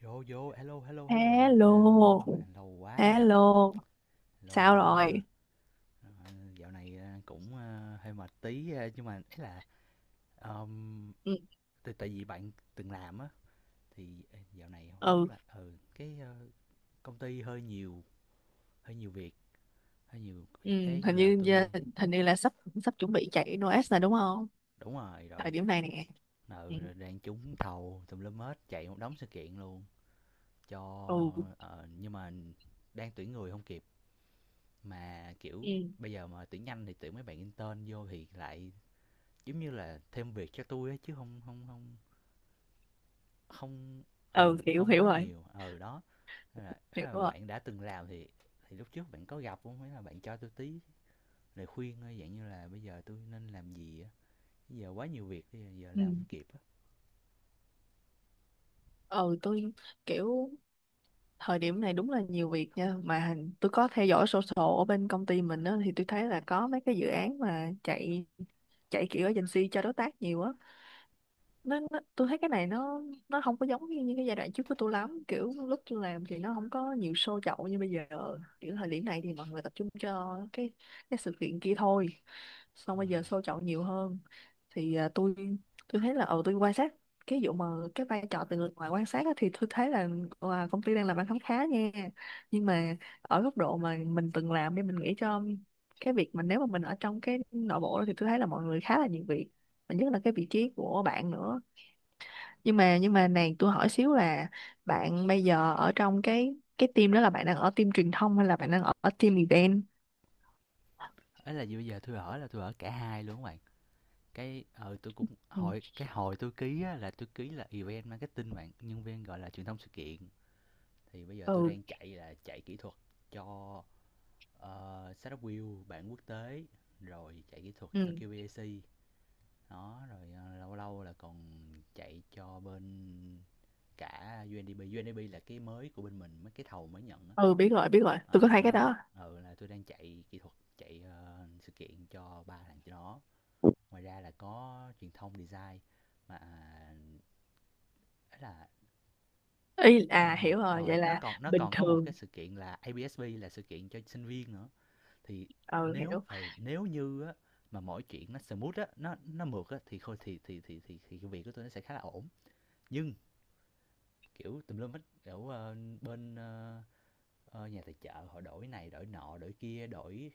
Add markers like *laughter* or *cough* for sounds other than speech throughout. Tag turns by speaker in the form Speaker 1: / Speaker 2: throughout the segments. Speaker 1: Vô vô, hello hello hello bạn. À
Speaker 2: Hello,
Speaker 1: ô mà lâu quá mới gặp.
Speaker 2: hello,
Speaker 1: Hello
Speaker 2: sao
Speaker 1: bạn nha.
Speaker 2: rồi?
Speaker 1: Ờ, dạo này à, cũng à, hơi mệt tí à, nhưng mà ấy là um,
Speaker 2: Ừ,
Speaker 1: tại tại vì bạn từng làm á thì ê, dạo này không
Speaker 2: ừ,
Speaker 1: biết là ừ công ty hơi nhiều việc, hơi nhiều
Speaker 2: ừ,
Speaker 1: việc cái
Speaker 2: hình
Speaker 1: giờ
Speaker 2: như giờ-
Speaker 1: tôi
Speaker 2: hình như là sắp sắp chuẩn bị chạy Noes rồi đúng không?
Speaker 1: đúng rồi
Speaker 2: Thời
Speaker 1: rồi.
Speaker 2: điểm này nè. Ừ,
Speaker 1: Ừ, rồi đang trúng thầu tùm lum hết, chạy một đống sự kiện luôn
Speaker 2: ừ,
Speaker 1: cho ờ, nhưng mà đang tuyển người không kịp, mà kiểu
Speaker 2: ừ,
Speaker 1: bây giờ mà tuyển nhanh thì tuyển mấy bạn intern vô thì lại giống như là thêm việc cho tôi á, chứ không không không không
Speaker 2: ừ,
Speaker 1: ờ
Speaker 2: hiểu
Speaker 1: không
Speaker 2: hiểu
Speaker 1: quá
Speaker 2: rồi,
Speaker 1: nhiều ờ đó. Nên là, thế
Speaker 2: hiểu
Speaker 1: là
Speaker 2: rồi.
Speaker 1: bạn đã từng làm thì lúc trước bạn có gặp không, hay là bạn cho tôi tí lời khuyên thôi dạng như là bây giờ tôi nên làm gì á, bây giờ quá nhiều việc bây giờ, giờ làm không
Speaker 2: Ừ,
Speaker 1: kịp á.
Speaker 2: ừ tôi kiểu thời điểm này đúng là nhiều việc nha. Mà tôi có theo dõi sổ sổ ở bên công ty mình đó thì tôi thấy là có mấy cái dự án mà chạy chạy kiểu agency cho đối tác nhiều á. Nó tôi thấy cái này nó không có giống như cái giai đoạn trước của tôi lắm, kiểu lúc tôi làm thì nó không có nhiều show chậu như bây giờ. Kiểu thời điểm này thì mọi người tập trung cho cái sự kiện kia thôi, xong bây giờ show chậu nhiều hơn. Thì à, tôi thấy là ờ tôi quan sát cái vụ mà cái vai trò từ người ngoài quan sát á, thì tôi thấy là à, công ty đang làm ăn khá khá nha. Nhưng mà ở góc độ mà mình từng làm thì mình nghĩ cho cái việc mà nếu mà mình ở trong cái nội bộ đó thì tôi thấy là mọi người khá là nhiều việc, và nhất là cái vị trí của bạn nữa. Nhưng mà này tôi hỏi xíu là bạn bây giờ ở trong cái team đó là bạn đang ở team truyền thông hay là bạn đang ở team event?
Speaker 1: Ấy là gì bây giờ tôi ở là tôi ở cả hai luôn các bạn. Cái ờ tôi cũng
Speaker 2: Ừ,
Speaker 1: hồi cái hồi tôi ký á là tôi ký là event marketing, bạn nhân viên gọi là truyền thông sự kiện. Thì bây giờ tôi
Speaker 2: ừ,
Speaker 1: đang chạy là chạy kỹ thuật cho setup wheel bản quốc tế, rồi chạy kỹ thuật cho
Speaker 2: ừ.
Speaker 1: QBAC đó, rồi ờ, lâu lâu là còn chạy cho bên cả UNDP. UNDP là cái mới của bên mình, mấy cái thầu mới nhận á.
Speaker 2: Ừ, biết rồi, biết rồi, tôi có
Speaker 1: Ờ
Speaker 2: thấy cái
Speaker 1: đó,
Speaker 2: đó.
Speaker 1: ừ là tôi đang chạy kỹ thuật chạy ờ, sự kiện cho ba thằng cho nó. Ngoài ra là có truyền thông design mà à, ấy là
Speaker 2: Ý à,
Speaker 1: Ờ,
Speaker 2: hiểu rồi,
Speaker 1: rồi
Speaker 2: vậy là
Speaker 1: nó
Speaker 2: bình
Speaker 1: còn có một
Speaker 2: thường.
Speaker 1: cái sự kiện là ABSB, là sự kiện cho sinh viên nữa. Thì
Speaker 2: Ừ,
Speaker 1: nếu
Speaker 2: hiểu.
Speaker 1: ừ, nếu như á mà mọi chuyện nó smooth á, nó mượt á thì thôi thì cái việc của tôi nó sẽ khá là ổn. Nhưng kiểu tùm lum hết kiểu ờ, bên ờ, ờ, nhà tài trợ họ đổi này, đổi nọ, đổi kia, đổi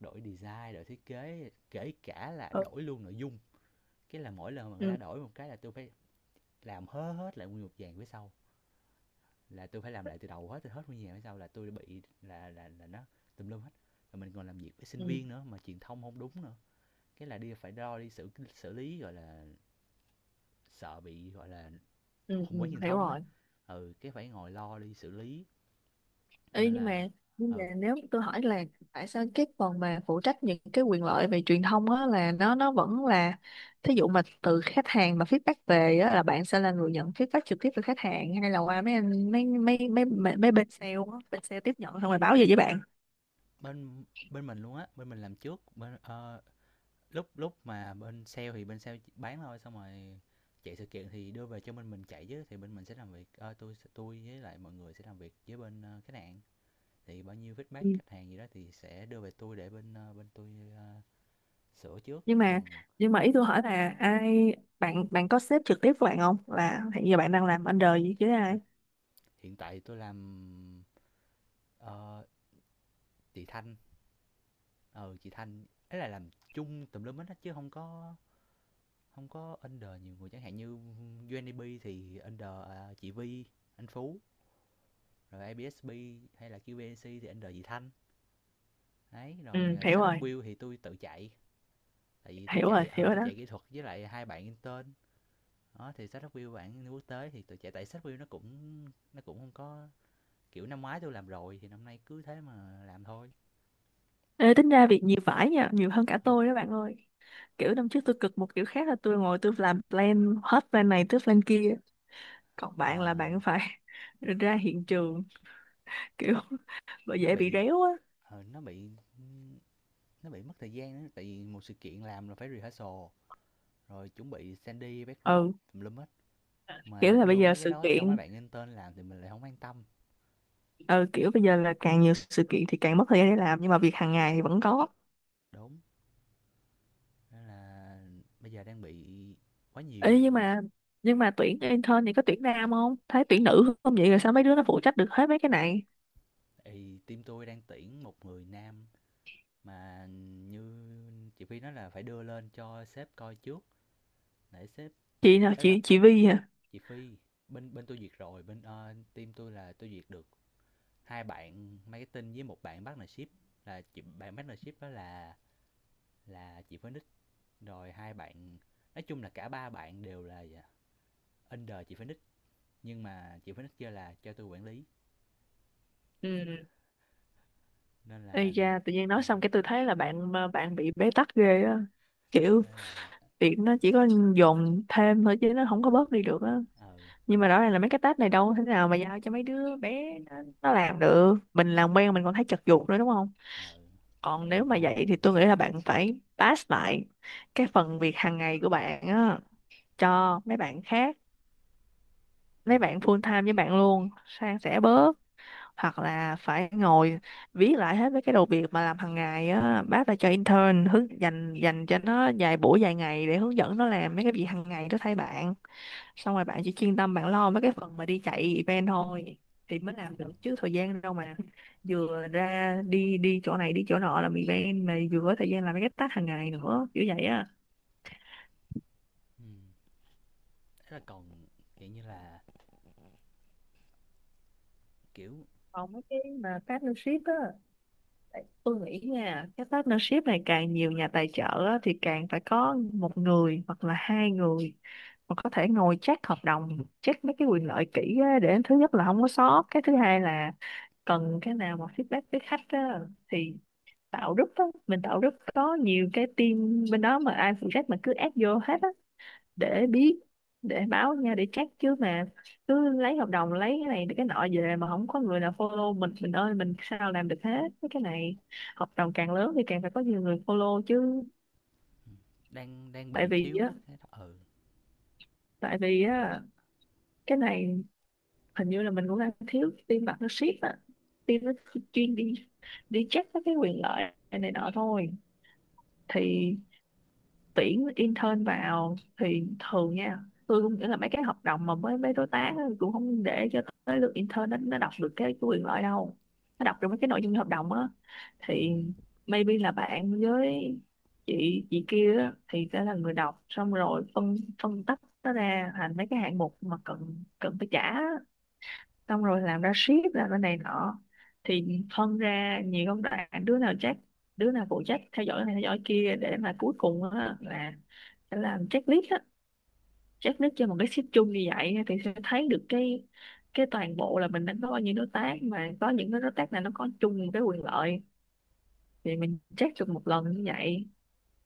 Speaker 1: đổi design, đổi thiết kế, kể cả là
Speaker 2: Ừ,
Speaker 1: đổi luôn nội dung. Cái là mỗi lần mà người ta
Speaker 2: ừ,
Speaker 1: đổi một cái là tôi phải làm hớ hết lại nguyên một dàn phía sau, là tôi phải làm lại từ đầu hết, từ hết nguyên nhà mới sao là tôi bị là là nó tùm lum hết, rồi mình còn làm việc với sinh
Speaker 2: ừ,
Speaker 1: viên nữa mà truyền thông không đúng nữa, cái là đi phải đo đi xử xử lý gọi là sợ bị gọi là
Speaker 2: ừ,
Speaker 1: khủng bố
Speaker 2: ừ,
Speaker 1: truyền
Speaker 2: hiểu
Speaker 1: thông ấy.
Speaker 2: rồi.
Speaker 1: Ừ cái phải ngồi lo đi xử lý,
Speaker 2: Ê,
Speaker 1: nên
Speaker 2: nhưng
Speaker 1: là
Speaker 2: mà
Speaker 1: ừ
Speaker 2: nếu tôi hỏi là tại sao cái phần mà phụ trách những cái quyền lợi về truyền thông á là nó vẫn là thí dụ mà từ khách hàng mà feedback về á là bạn sẽ là người nhận feedback trực tiếp từ khách hàng hay là qua mấy anh mấy mấy mấy mấy, mấy bên sale á, bên sale tiếp nhận xong rồi báo về với bạn.
Speaker 1: bên bên mình luôn á, bên mình làm trước bên ờ, lúc lúc mà bên sale thì bên sale bán thôi, xong rồi chạy sự kiện thì đưa về cho bên mình chạy chứ, thì bên mình sẽ làm việc ờ, tôi với lại mọi người sẽ làm việc với bên ờ, khách hàng. Thì bao nhiêu feedback
Speaker 2: Ừ.
Speaker 1: khách hàng gì đó thì sẽ đưa về tôi để bên ờ, bên tôi ờ, sửa trước
Speaker 2: Nhưng mà
Speaker 1: còn
Speaker 2: ý tôi hỏi là ai, bạn bạn có sếp trực tiếp của bạn không, là hiện giờ bạn đang làm under gì chứ
Speaker 1: ừ,
Speaker 2: ai?
Speaker 1: hiện tại tôi làm ờ, chị Thanh. Ờ chị Thanh ấy là làm chung tùm lum hết á, chứ không có không có under nhiều người, chẳng hạn như UNDP thì under ờ, chị Vi, anh Phú, rồi ABSB hay là QBNC thì under chị Thanh. Đấy
Speaker 2: Ừ,
Speaker 1: rồi ờ,
Speaker 2: hiểu
Speaker 1: startup
Speaker 2: rồi,
Speaker 1: build thì tôi tự chạy, tại vì tôi
Speaker 2: hiểu rồi,
Speaker 1: chạy
Speaker 2: hiểu
Speaker 1: ờ
Speaker 2: rồi
Speaker 1: tôi
Speaker 2: đó.
Speaker 1: chạy kỹ thuật với lại hai bạn intern đó. Thì sách review bạn quốc tế thì tụi trẻ, tại sách review nó cũng không có, kiểu năm ngoái tôi làm rồi thì năm nay cứ thế mà làm thôi.
Speaker 2: Ê, tính ra việc nhiều vải nha, nhiều hơn cả tôi đó bạn ơi. Kiểu năm trước tôi cực một kiểu khác là tôi ngồi tôi làm plan hết plan này tới plan kia. Còn bạn là
Speaker 1: À,
Speaker 2: bạn phải *laughs* ra hiện trường, kiểu *laughs* bởi
Speaker 1: nó
Speaker 2: dễ bị
Speaker 1: bị
Speaker 2: réo á.
Speaker 1: ờ, nó bị mất thời gian đó, tại vì một sự kiện làm là phải rehearsal rồi chuẩn bị sandy backdrop
Speaker 2: Ừ,
Speaker 1: tùm lum hết,
Speaker 2: kiểu
Speaker 1: mà
Speaker 2: là bây
Speaker 1: đưa
Speaker 2: giờ
Speaker 1: mấy cái
Speaker 2: sự
Speaker 1: đó cho mấy
Speaker 2: kiện,
Speaker 1: bạn intern làm thì mình lại không an tâm.
Speaker 2: ừ, kiểu bây giờ là càng nhiều sự kiện thì càng mất thời gian để làm nhưng mà việc hàng ngày thì vẫn có.
Speaker 1: Đúng, nên là bây giờ đang bị quá
Speaker 2: Ê,
Speaker 1: nhiều.
Speaker 2: nhưng mà tuyển intern thì có tuyển nam không? Thấy tuyển nữ không vậy rồi sao mấy đứa nó phụ trách được hết mấy cái này?
Speaker 1: Thì team tôi đang tuyển một người nam. Mà như chị Phi nói là phải đưa lên cho sếp coi trước để sếp
Speaker 2: Chị
Speaker 1: duyệt,
Speaker 2: nào,
Speaker 1: ấy là
Speaker 2: chị Vi hả?
Speaker 1: chị Phi. Bên bên tôi duyệt rồi, bên ờ, team tôi là tôi duyệt được hai bạn marketing với một bạn partnership, là chị bạn partnership đó là chị Phoenix. Rồi hai bạn, nói chung là cả ba bạn đều là dạ, under chị Phoenix, nhưng mà chị Phoenix kêu là cho tôi quản lý,
Speaker 2: Ừ.
Speaker 1: nên là
Speaker 2: Ây da, tự nhiên
Speaker 1: ừ
Speaker 2: nói xong cái tôi thấy là bạn ờ, bạn bị bế tắc ghê á. Kiểu
Speaker 1: đó là
Speaker 2: việc nó chỉ có dồn thêm thôi chứ nó không có bớt đi được á.
Speaker 1: ừ
Speaker 2: Nhưng mà rõ ràng là mấy cái task này đâu thế nào mà giao cho mấy đứa bé nó làm được. Mình làm quen mình còn thấy chật vật nữa đúng không?
Speaker 1: ừ
Speaker 2: Còn
Speaker 1: chạy
Speaker 2: nếu
Speaker 1: một
Speaker 2: mà
Speaker 1: năm
Speaker 2: vậy
Speaker 1: rồi
Speaker 2: thì
Speaker 1: dạ.
Speaker 2: tôi nghĩ là bạn phải pass lại cái phần việc hàng ngày của bạn á cho mấy bạn khác,
Speaker 1: Ừ.
Speaker 2: mấy bạn full time với bạn luôn, san sẻ bớt. Hoặc là phải ngồi viết lại hết mấy cái đầu việc mà làm hàng ngày á, bác đã cho intern hướng dành dành cho nó vài buổi vài ngày để hướng dẫn nó làm mấy cái việc hàng ngày đó thay bạn, xong rồi bạn chỉ chuyên tâm bạn lo mấy cái phần mà đi chạy event thôi thì mới làm được. Chứ thời gian đâu mà vừa ra đi đi chỗ này đi chỗ nọ làm event mà vừa có thời gian làm mấy cái task hàng ngày nữa, kiểu vậy á.
Speaker 1: Ừ. Thế là còn kiểu như là kiểu
Speaker 2: Còn mấy cái mà partnership á, tôi nghĩ nha, cái partnership này càng nhiều nhà tài trợ á, thì càng phải có một người hoặc là hai người mà có thể ngồi check hợp đồng, check mấy cái quyền lợi kỹ á, để thứ nhất là không có sót, cái thứ hai là cần cái nào mà feedback với khách á, thì tạo group á. Mình tạo group có nhiều cái team bên đó mà ai phụ trách mà cứ add vô hết á, để biết, để báo nha, để check. Chứ mà cứ lấy hợp đồng lấy cái này cái nọ về mà không có người nào follow, mình ơi mình sao làm được hết mấy cái này. Hợp đồng càng lớn thì càng phải có nhiều người follow chứ.
Speaker 1: đang đang
Speaker 2: tại
Speaker 1: bị
Speaker 2: vì á
Speaker 1: thiếu cái đó ừ
Speaker 2: tại vì á cái này hình như là mình cũng đang thiếu team partnership á, team nó chuyên đi đi check các cái quyền lợi này nọ thôi. Thì tuyển intern vào thì thường nha, tôi cũng nghĩ là mấy cái hợp đồng mà với mấy đối tác á, cũng không để cho tới lượt intern nó đọc được cái quyền lợi đâu, nó đọc được mấy cái nội dung hợp đồng á.
Speaker 1: ừ
Speaker 2: Thì maybe là bạn với chị kia á, thì sẽ là người đọc xong rồi phân phân tách nó ra thành mấy cái hạng mục mà cần cần phải trả, xong rồi làm ra ship, làm ra này nọ. Thì phân ra nhiều công đoạn, đứa nào chắc đứa nào phụ trách theo dõi này theo dõi kia để mà cuối cùng á, là sẽ làm checklist á, checklist cho một cái ship chung như vậy á, thì sẽ thấy được cái toàn bộ là mình đã có bao nhiêu đối tác mà có những cái đối tác này nó có chung một cái quyền lợi thì mình check được một lần như vậy.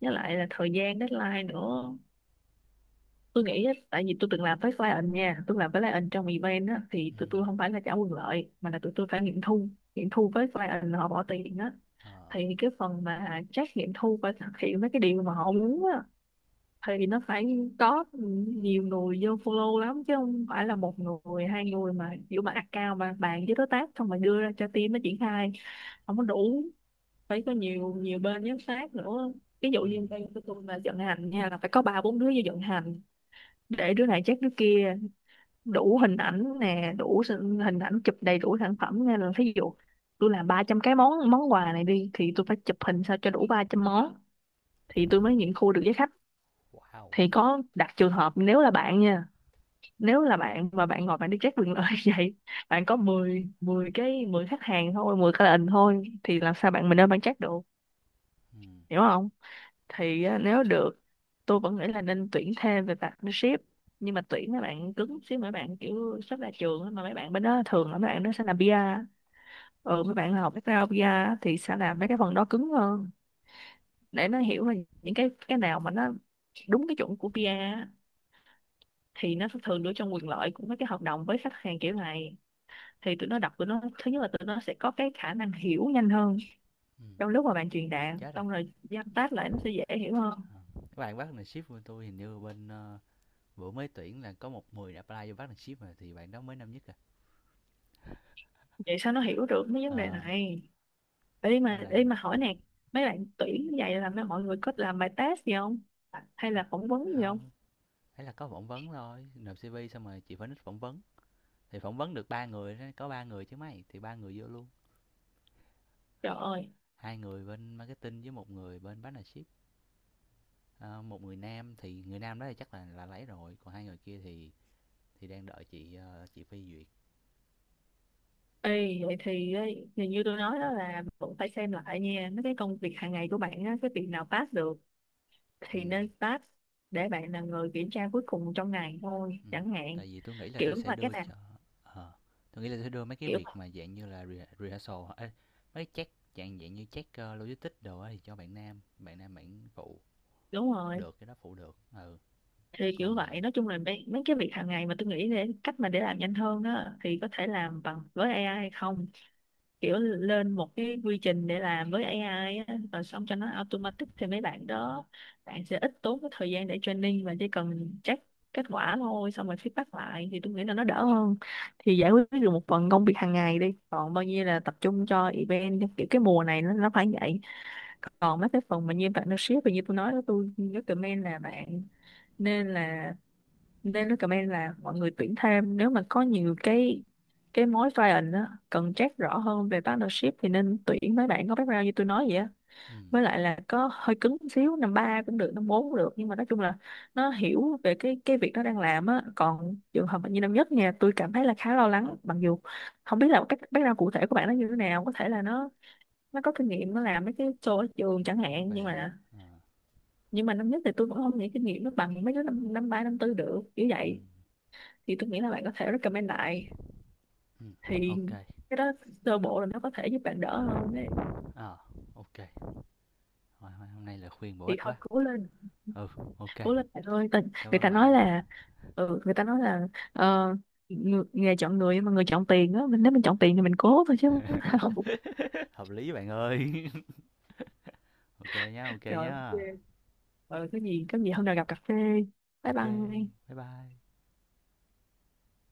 Speaker 2: Với lại là thời gian deadline nữa, tôi nghĩ á, tại vì tôi từng làm với client nha, tôi làm với client trong event á, thì
Speaker 1: ừ
Speaker 2: tụi tôi không phải là trả quyền lợi mà là tụi tôi phải nghiệm thu. Nghiệm thu với client họ bỏ tiền á,
Speaker 1: ờ
Speaker 2: thì cái phần mà check nghiệm thu và thực hiện mấy cái điều mà họ muốn á thì nó phải có nhiều người vô follow lắm, chứ không phải là một người hai người mà kiểu mà account mà bàn với đối tác xong rồi đưa ra cho team nó triển khai. Không có đủ, phải có nhiều nhiều bên giám sát nữa. Ví dụ
Speaker 1: ừ
Speaker 2: như bên của tôi mà vận hành nha là phải có ba bốn đứa vô vận hành để đứa này check đứa kia, đủ hình ảnh nè, đủ hình ảnh chụp đầy đủ sản phẩm. Nên là ví dụ tôi làm 300 cái món món quà này đi thì tôi phải chụp hình sao cho đủ 300 món thì tôi mới nghiệm thu được với khách.
Speaker 1: wow
Speaker 2: Thì có đặt trường hợp nếu là bạn nha, nếu là bạn và bạn ngồi bạn đi check quyền lợi *laughs* vậy, bạn có 10 10 cái 10 khách hàng thôi, 10 client thôi thì làm sao bạn, mình nên bạn check được?
Speaker 1: ừ
Speaker 2: Hiểu không? Thì á, nếu được tôi vẫn nghĩ là nên tuyển thêm về partnership, nhưng mà tuyển mấy bạn cứng xíu, mấy bạn kiểu sắp ra trường á, mà mấy bạn bên đó thường là mấy bạn đó sẽ làm PR. Ừ, mấy bạn học background PR á, thì sẽ làm mấy cái phần đó cứng hơn để nó hiểu là những cái nào mà nó đúng cái chuẩn của PR á, thì nó sẽ thường đưa trong quyền lợi của mấy cái hợp đồng với khách hàng kiểu này. Thì tụi nó đọc, tụi nó thứ nhất là tụi nó sẽ có cái khả năng hiểu nhanh hơn
Speaker 1: ừ
Speaker 2: trong lúc mà bạn truyền đạt
Speaker 1: chết rồi.
Speaker 2: xong rồi giam tác lại nó sẽ dễ hiểu hơn.
Speaker 1: Ờ. Các bạn partnership của tôi hình như bên ờ, bữa mới tuyển là có một người đã apply vô partnership rồi, thì bạn đó mới năm nhất à.
Speaker 2: Vậy sao nó hiểu được mấy vấn đề
Speaker 1: Ờ
Speaker 2: này? Ý mà
Speaker 1: nên là
Speaker 2: ý mà hỏi nè, mấy bạn tuyển như vậy là mọi người có làm bài test gì không hay là phỏng vấn gì không?
Speaker 1: không, ấy là có phỏng vấn thôi, nộp cv xong rồi chị phải nít phỏng vấn. Thì phỏng vấn được ba người đó, có ba người chứ mấy, thì ba người vô luôn,
Speaker 2: Trời ơi.
Speaker 1: hai người bên marketing với một người bên partnership. Ờ, một người nam thì người nam đó thì chắc là lấy rồi, còn hai người kia thì đang đợi chị, ờ, chị phê duyệt.
Speaker 2: Ê, vậy thì ấy, thì như tôi nói đó là cũng phải xem lại nha mấy cái công việc hàng ngày của bạn á, cái việc nào pass được thì
Speaker 1: Ừm,
Speaker 2: nên pass để bạn là người kiểm tra cuối cùng trong ngày thôi
Speaker 1: ừm,
Speaker 2: chẳng hạn.
Speaker 1: tại vì tôi nghĩ là tôi
Speaker 2: Kiểu
Speaker 1: sẽ
Speaker 2: mà cái
Speaker 1: đưa
Speaker 2: nào
Speaker 1: cho ờ, tui nghĩ là tôi sẽ đưa mấy cái
Speaker 2: kiểu
Speaker 1: việc mà dạng như là re rehearsal ê, mấy check dạng dạng như check, ơ, logistics đồ á thì cho bạn nam, bạn nam bạn phụ
Speaker 2: đúng rồi
Speaker 1: được, cái đó phụ được, ừ.
Speaker 2: thì kiểu
Speaker 1: Còn
Speaker 2: vậy. Nói chung là mấy, mấy cái việc hàng ngày mà tôi nghĩ để cách mà để làm nhanh hơn đó thì có thể làm bằng với AI hay không, kiểu lên một cái quy trình để làm với AI á rồi xong cho nó automatic thì mấy bạn đó bạn sẽ ít tốn cái thời gian để training và chỉ cần check kết quả thôi xong rồi feedback lại thì tôi nghĩ là nó đỡ hơn. Thì giải quyết được một phần công việc hàng ngày đi, còn bao nhiêu là tập trung cho event, kiểu cái mùa này nó phải vậy. Còn mấy cái phần mà như bạn nó ship và như tôi nói đó, tôi recommend là bạn nên là nên recommend là mọi người tuyển thêm, nếu mà có nhiều cái mối client á, cần check rõ hơn về partnership thì nên tuyển mấy bạn có background như tôi nói vậy á,
Speaker 1: ừm,
Speaker 2: với lại là có hơi cứng một xíu, năm ba cũng được năm bốn cũng được, nhưng mà nói chung là nó hiểu về cái việc nó đang làm á. Còn trường hợp như năm nhất nha, tôi cảm thấy là khá lo lắng, mặc dù không biết là cái background cụ thể của bạn nó như thế nào, có thể là nó có kinh nghiệm, nó làm mấy cái show ở trường chẳng
Speaker 1: nó
Speaker 2: hạn, nhưng
Speaker 1: về
Speaker 2: mà năm nhất thì tôi cũng không nghĩ kinh nghiệm nó bằng mấy đứa năm năm ba năm tư được kiểu
Speaker 1: ừm,
Speaker 2: vậy. Thì tôi nghĩ là bạn có thể recommend lại.
Speaker 1: ừm, ô
Speaker 2: Thì
Speaker 1: kê,
Speaker 2: cái đó sơ bộ là nó có thể giúp bạn đỡ hơn đấy.
Speaker 1: ờ, hôm nay là khuyên bổ
Speaker 2: Thì
Speaker 1: ích
Speaker 2: thôi
Speaker 1: quá.
Speaker 2: cố lên,
Speaker 1: Ừ, ô
Speaker 2: cố lên bạn ơi.
Speaker 1: cảm
Speaker 2: Người
Speaker 1: ơn
Speaker 2: ta
Speaker 1: bạn.
Speaker 2: nói là ừ, người ta nói là ờ, nghề chọn người mà người chọn tiền á, mình nếu mình chọn tiền thì mình cố thôi chứ không biết sao. *laughs*
Speaker 1: *laughs* Hợp lý bạn ơi. *laughs* Ok nhá, ok
Speaker 2: Rồi
Speaker 1: nhá,
Speaker 2: ok. Ờ, cái gì có gì hôm nào gặp cà phê. Bye
Speaker 1: ok,
Speaker 2: bye.
Speaker 1: bye bye.